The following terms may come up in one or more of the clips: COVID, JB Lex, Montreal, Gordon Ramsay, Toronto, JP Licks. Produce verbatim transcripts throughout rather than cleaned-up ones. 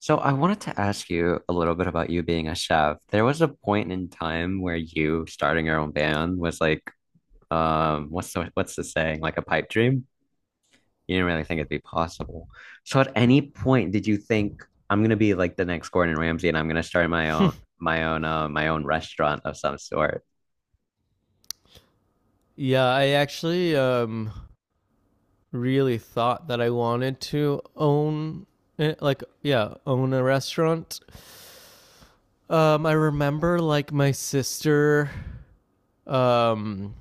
So I wanted to ask you a little bit about you being a chef. There was a point in time where you starting your own band was like, um, what's the what's the saying? Like a pipe dream? You didn't really think it'd be possible. So at any point did you think I'm gonna be like the next Gordon Ramsay and I'm gonna start my own my own uh, my own restaurant of some sort? Yeah, I actually um really thought that I wanted to own eh, like yeah, own a restaurant. Um I remember like my sister um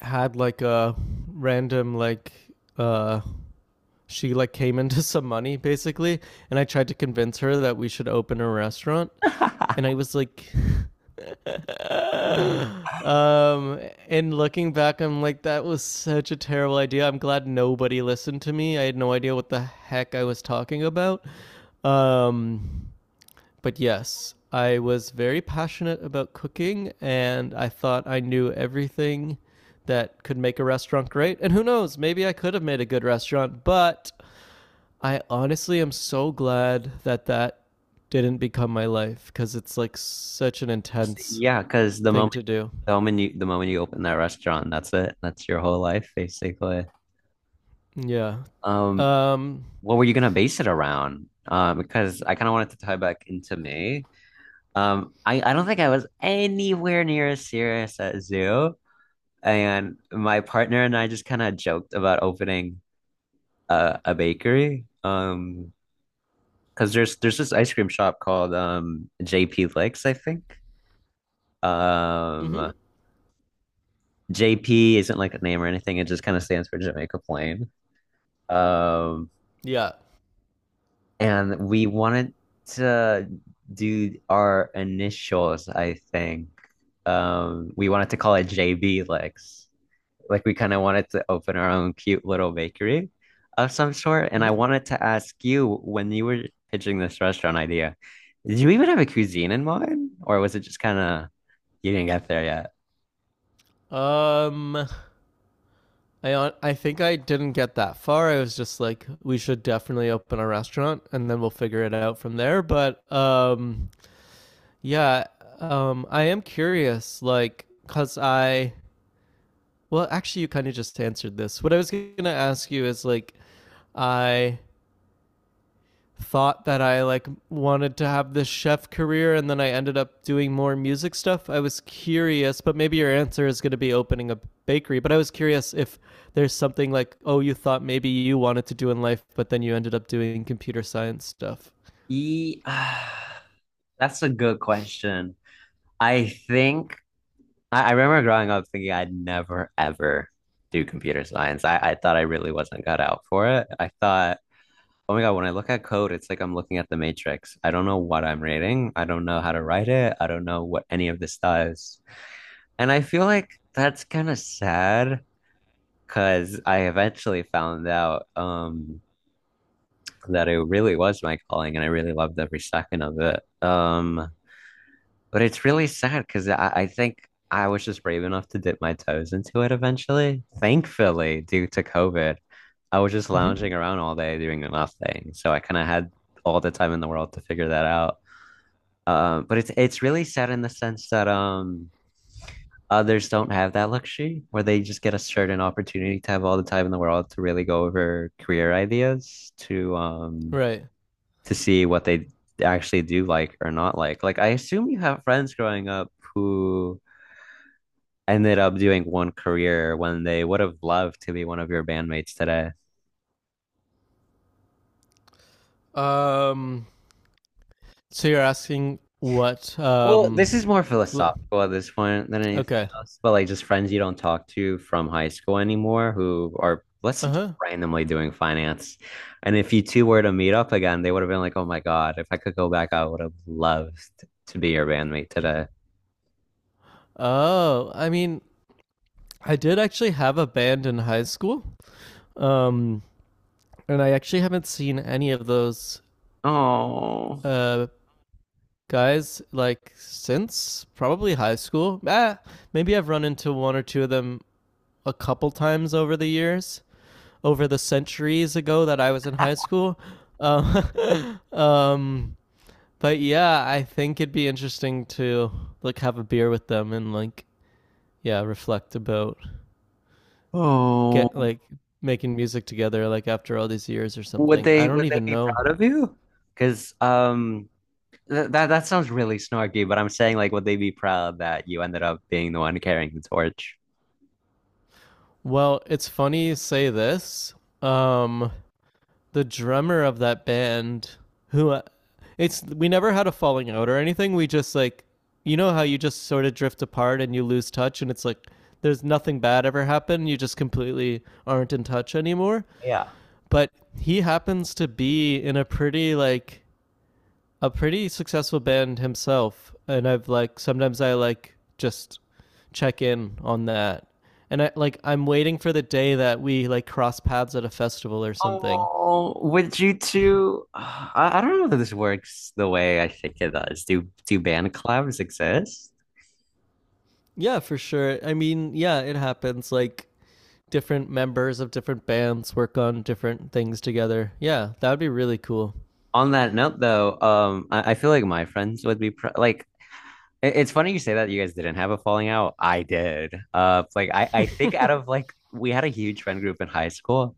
had like a random like uh she like came into some money basically, and I tried to convince her that we should open a restaurant, and I was like Um, and looking back, I'm like, that was such a terrible idea. I'm glad nobody listened to me. I had no idea what the heck I was talking about. Um, but yes, I was very passionate about cooking, and I thought I knew everything that could make a restaurant great. And who knows, maybe I could have made a good restaurant, but I honestly am so glad that that didn't become my life because it's like such an intense Yeah, because the thing moment to do. the moment you the moment you open that restaurant, that's it. That's your whole life basically. Yeah. Um, Um. what were you gonna base it around? Uh, because I kind of wanted to tie back into May. Um, I, I don't think I was anywhere near as serious at Zoo, and my partner and I just kind of joked about opening a, a bakery. Um, because there's there's this ice cream shop called um J P Licks, I think. Hmm. Um, J P isn't like a name or anything; it just kind of stands for Jamaica Plain. Um, Yeah. And we wanted to do our initials, I think. Um, we wanted to call it J B Lex. Like we kind of wanted to open our own cute little bakery of some sort. And I Hmm. wanted to ask you when you were pitching this restaurant idea, did you even have a cuisine in mind? Or was it just kind of you didn't get there yet? Um. I on I think I didn't get that far. I was just like, we should definitely open a restaurant, and then we'll figure it out from there. But um, yeah. Um, I am curious, like, cause I. Well, actually, you kind of just answered this. What I was gonna ask you is like, I thought that I like wanted to have this chef career, and then I ended up doing more music stuff. I was curious, but maybe your answer is going to be opening a bakery, but I was curious if there's something like, oh, you thought maybe you wanted to do in life, but then you ended up doing computer science stuff. E- That's a good question. I think I, I remember growing up thinking I'd never ever do computer science. I, I thought I really wasn't cut out for it. I thought, oh my God, when I look at code, it's like I'm looking at the matrix. I don't know what I'm reading. I don't know how to write it. I don't know what any of this does. And I feel like that's kind of sad because I eventually found out um that it really was my calling and I really loved every second of it. Um But it's really sad because I, I think I was just brave enough to dip my toes into it eventually. Thankfully, due to COVID, I was just Mhm. lounging around all day doing nothing. So I kind of had all the time in the world to figure that out. Um, but it's it's really sad in the sense that um others don't have that luxury where they just get a certain opportunity to have all the time in the world to really go over career ideas to um Right. to see what they actually do like or not like. Like I assume you have friends growing up who ended up doing one career when they would have loved to be one of your bandmates today? Um so you're asking what Well, um this is more l- philosophical at this point than anything okay. else, but like just friends you don't talk to from high school anymore who are, let's say, just Uh-huh. randomly doing finance. And if you two were to meet up again, they would have been like, oh my God, if I could go back, I would have loved to be your bandmate today. Oh, I mean, I did actually have a band in high school. Um and I actually haven't seen any of those Oh, uh, guys like since probably high school. Ah, maybe I've run into one or two of them a couple times over the years, over the centuries ago that I was in high school. Um, um, but yeah, I think it'd be interesting to like have a beer with them and like yeah, reflect about oh, get like making music together like after all these years or would something. I they don't would they even be know. proud of you? Because um, Th- that that sounds really snarky, but I'm saying like would they be proud that you ended up being the one carrying the torch? Well, it's funny you say this. Um, the drummer of that band, who uh, it's we never had a falling out or anything. We just like, you know how you just sort of drift apart and you lose touch, and it's like there's nothing bad ever happened. You just completely aren't in touch anymore. Yeah. But he happens to be in a pretty like a pretty successful band himself, and I've like sometimes I like just check in on that, and I like I'm waiting for the day that we like cross paths at a festival or something. Oh, would you two? I, I don't know that this works the way I think it does. Do do band collabs exist? Yeah, for sure. I mean, yeah, it happens. Like different members of different bands work on different things together. Yeah, that would be really cool. On that note, though, um, I, I feel like my friends would be pr, like, it- it's funny you say that you guys didn't have a falling out. I did. Uh, like I, I think out of like we had a huge friend group in high school.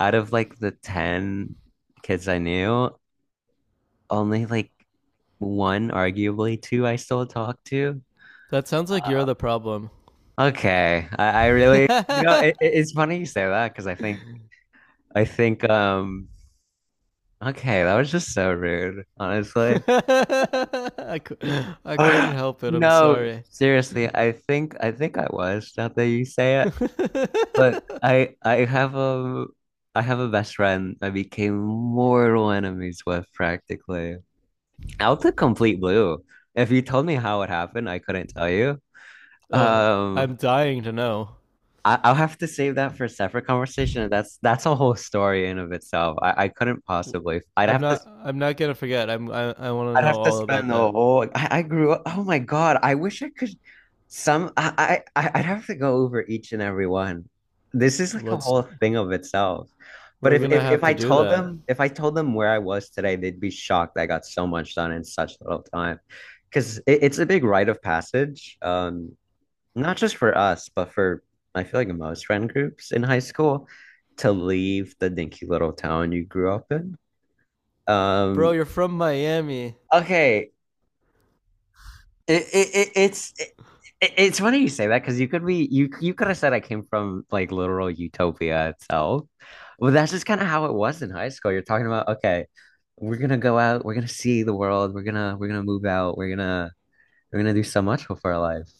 Out of like the ten kids I knew, only like one, arguably two, I still talk to. That sounds like you're Uh, the problem. okay, I, I really, you know, I, it, it- it's funny you say that because I think, I think, um, okay, that was just so rude, honestly. cou- I couldn't help it. I'm No, sorry. seriously, I think, I think I was, now that you say it, but I, I have a, I have a best friend I became mortal enemies with practically out the complete blue. If you told me how it happened, I couldn't tell you. Ugh, Um, I'm dying to know. I, I'll have to save that for a separate conversation. That's that's a whole story in of itself. I, I couldn't possibly. I'd I'm have to. not. I'm not gonna forget. I'm. I. I want to I'd know have to all about spend the that. whole, like, I, I grew up. Oh my God! I wish I could. Some. I. I. I'd have to go over each and every one. This is like a Let's. whole thing of itself. But We're if gonna if if have I to do told that, them if I told them where I was today, they'd be shocked. I got so much done in such little time, because it, it's a big rite of passage. Um, not just for us, but for I feel like most friend groups in high school to leave the dinky little town you grew up in. bro. Um, You're from Miami. okay, it, it, it it's it, it's funny you say that because you could be you you could have said I came from like literal utopia itself, but that's just kind of how it was in high school. You're talking about, okay, we're gonna go out, we're gonna see the world, we're gonna we're gonna move out, we're gonna we're gonna do so much with our life.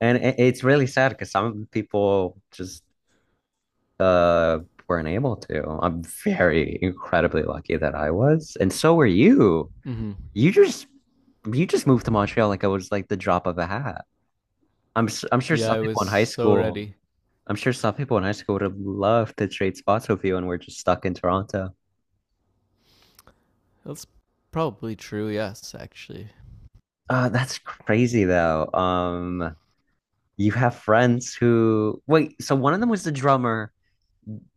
And it, it's really sad because some people just uh weren't able to. I'm very incredibly lucky that I was, and so were you. Mm-hmm. You just you just moved to Montreal like I was like the drop of a hat. I'm s- I'm sure Yeah, some I was people in high so school, ready. I'm sure some people in high school would have loved to trade spots with you, and we're just stuck in Toronto. That's probably true. Yes, actually, Uh, that's crazy though. Um, you have friends who wait. So one of them was the drummer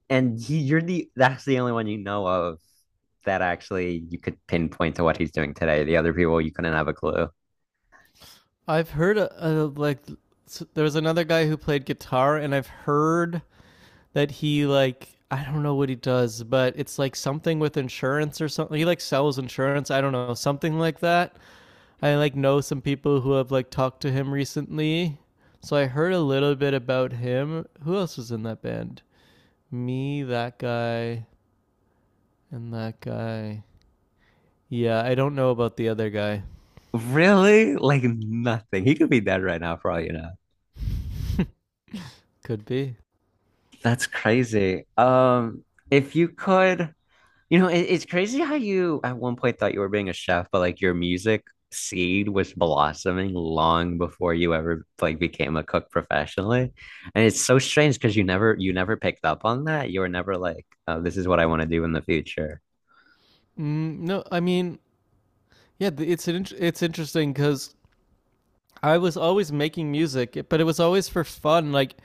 and he, you're the that's the only one you know of that actually you could pinpoint to what he's doing today. The other people you couldn't have a clue. I've heard a, a like. there was another guy who played guitar, and I've heard that he like. I don't know what he does, but it's like something with insurance or something. He like sells insurance. I don't know, something like that. I like know some people who have like talked to him recently. So I heard a little bit about him. Who else was in that band? Me, that guy, and that guy. Yeah, I don't know about the other guy. Really? Like nothing. He could be dead right now for all you know. Could be. That's crazy. Um, if you could, you know, it, it's crazy how you at one point thought you were being a chef, but like your music seed was blossoming long before you ever like became a cook professionally. And it's so strange because you never you never picked up on that. You were never like, oh, this is what I want to do in the future. Mm, no, I mean, yeah, it's an int- it's interesting because I was always making music, but it was always for fun. Like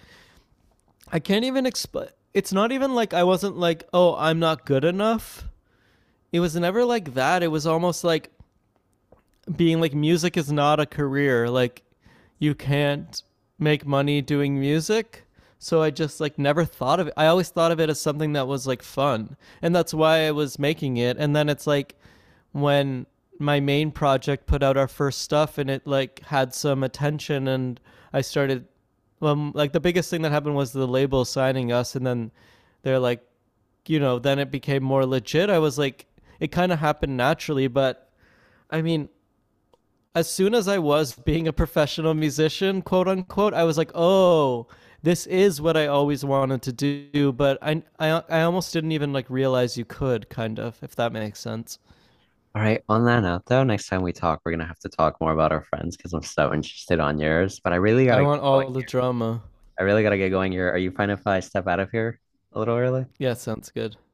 I can't even explain. It's not even like I wasn't like, oh, I'm not good enough. It was never like that. It was almost like being like, music is not a career. Like you can't make money doing music, so I just like never thought of it. I always thought of it as something that was like fun, and that's why I was making it. And then it's like when my main project put out our first stuff and it like had some attention, and I started well, like the biggest thing that happened was the label signing us, and then they're like, you know, then it became more legit. I was like, it kind of happened naturally. But i mean as soon as I was being a professional musician, quote unquote, I was like, oh, this is what I always wanted to do, but I, I, I almost didn't even like realize you could, kind of, if that makes sense. All right, on that note though, next time we talk, we're gonna have to talk more about our friends because I'm so interested on yours. But I really gotta I get want going. all the drama. I really gotta get going here. Are you fine if I step out of here a little early? Yeah, sounds good.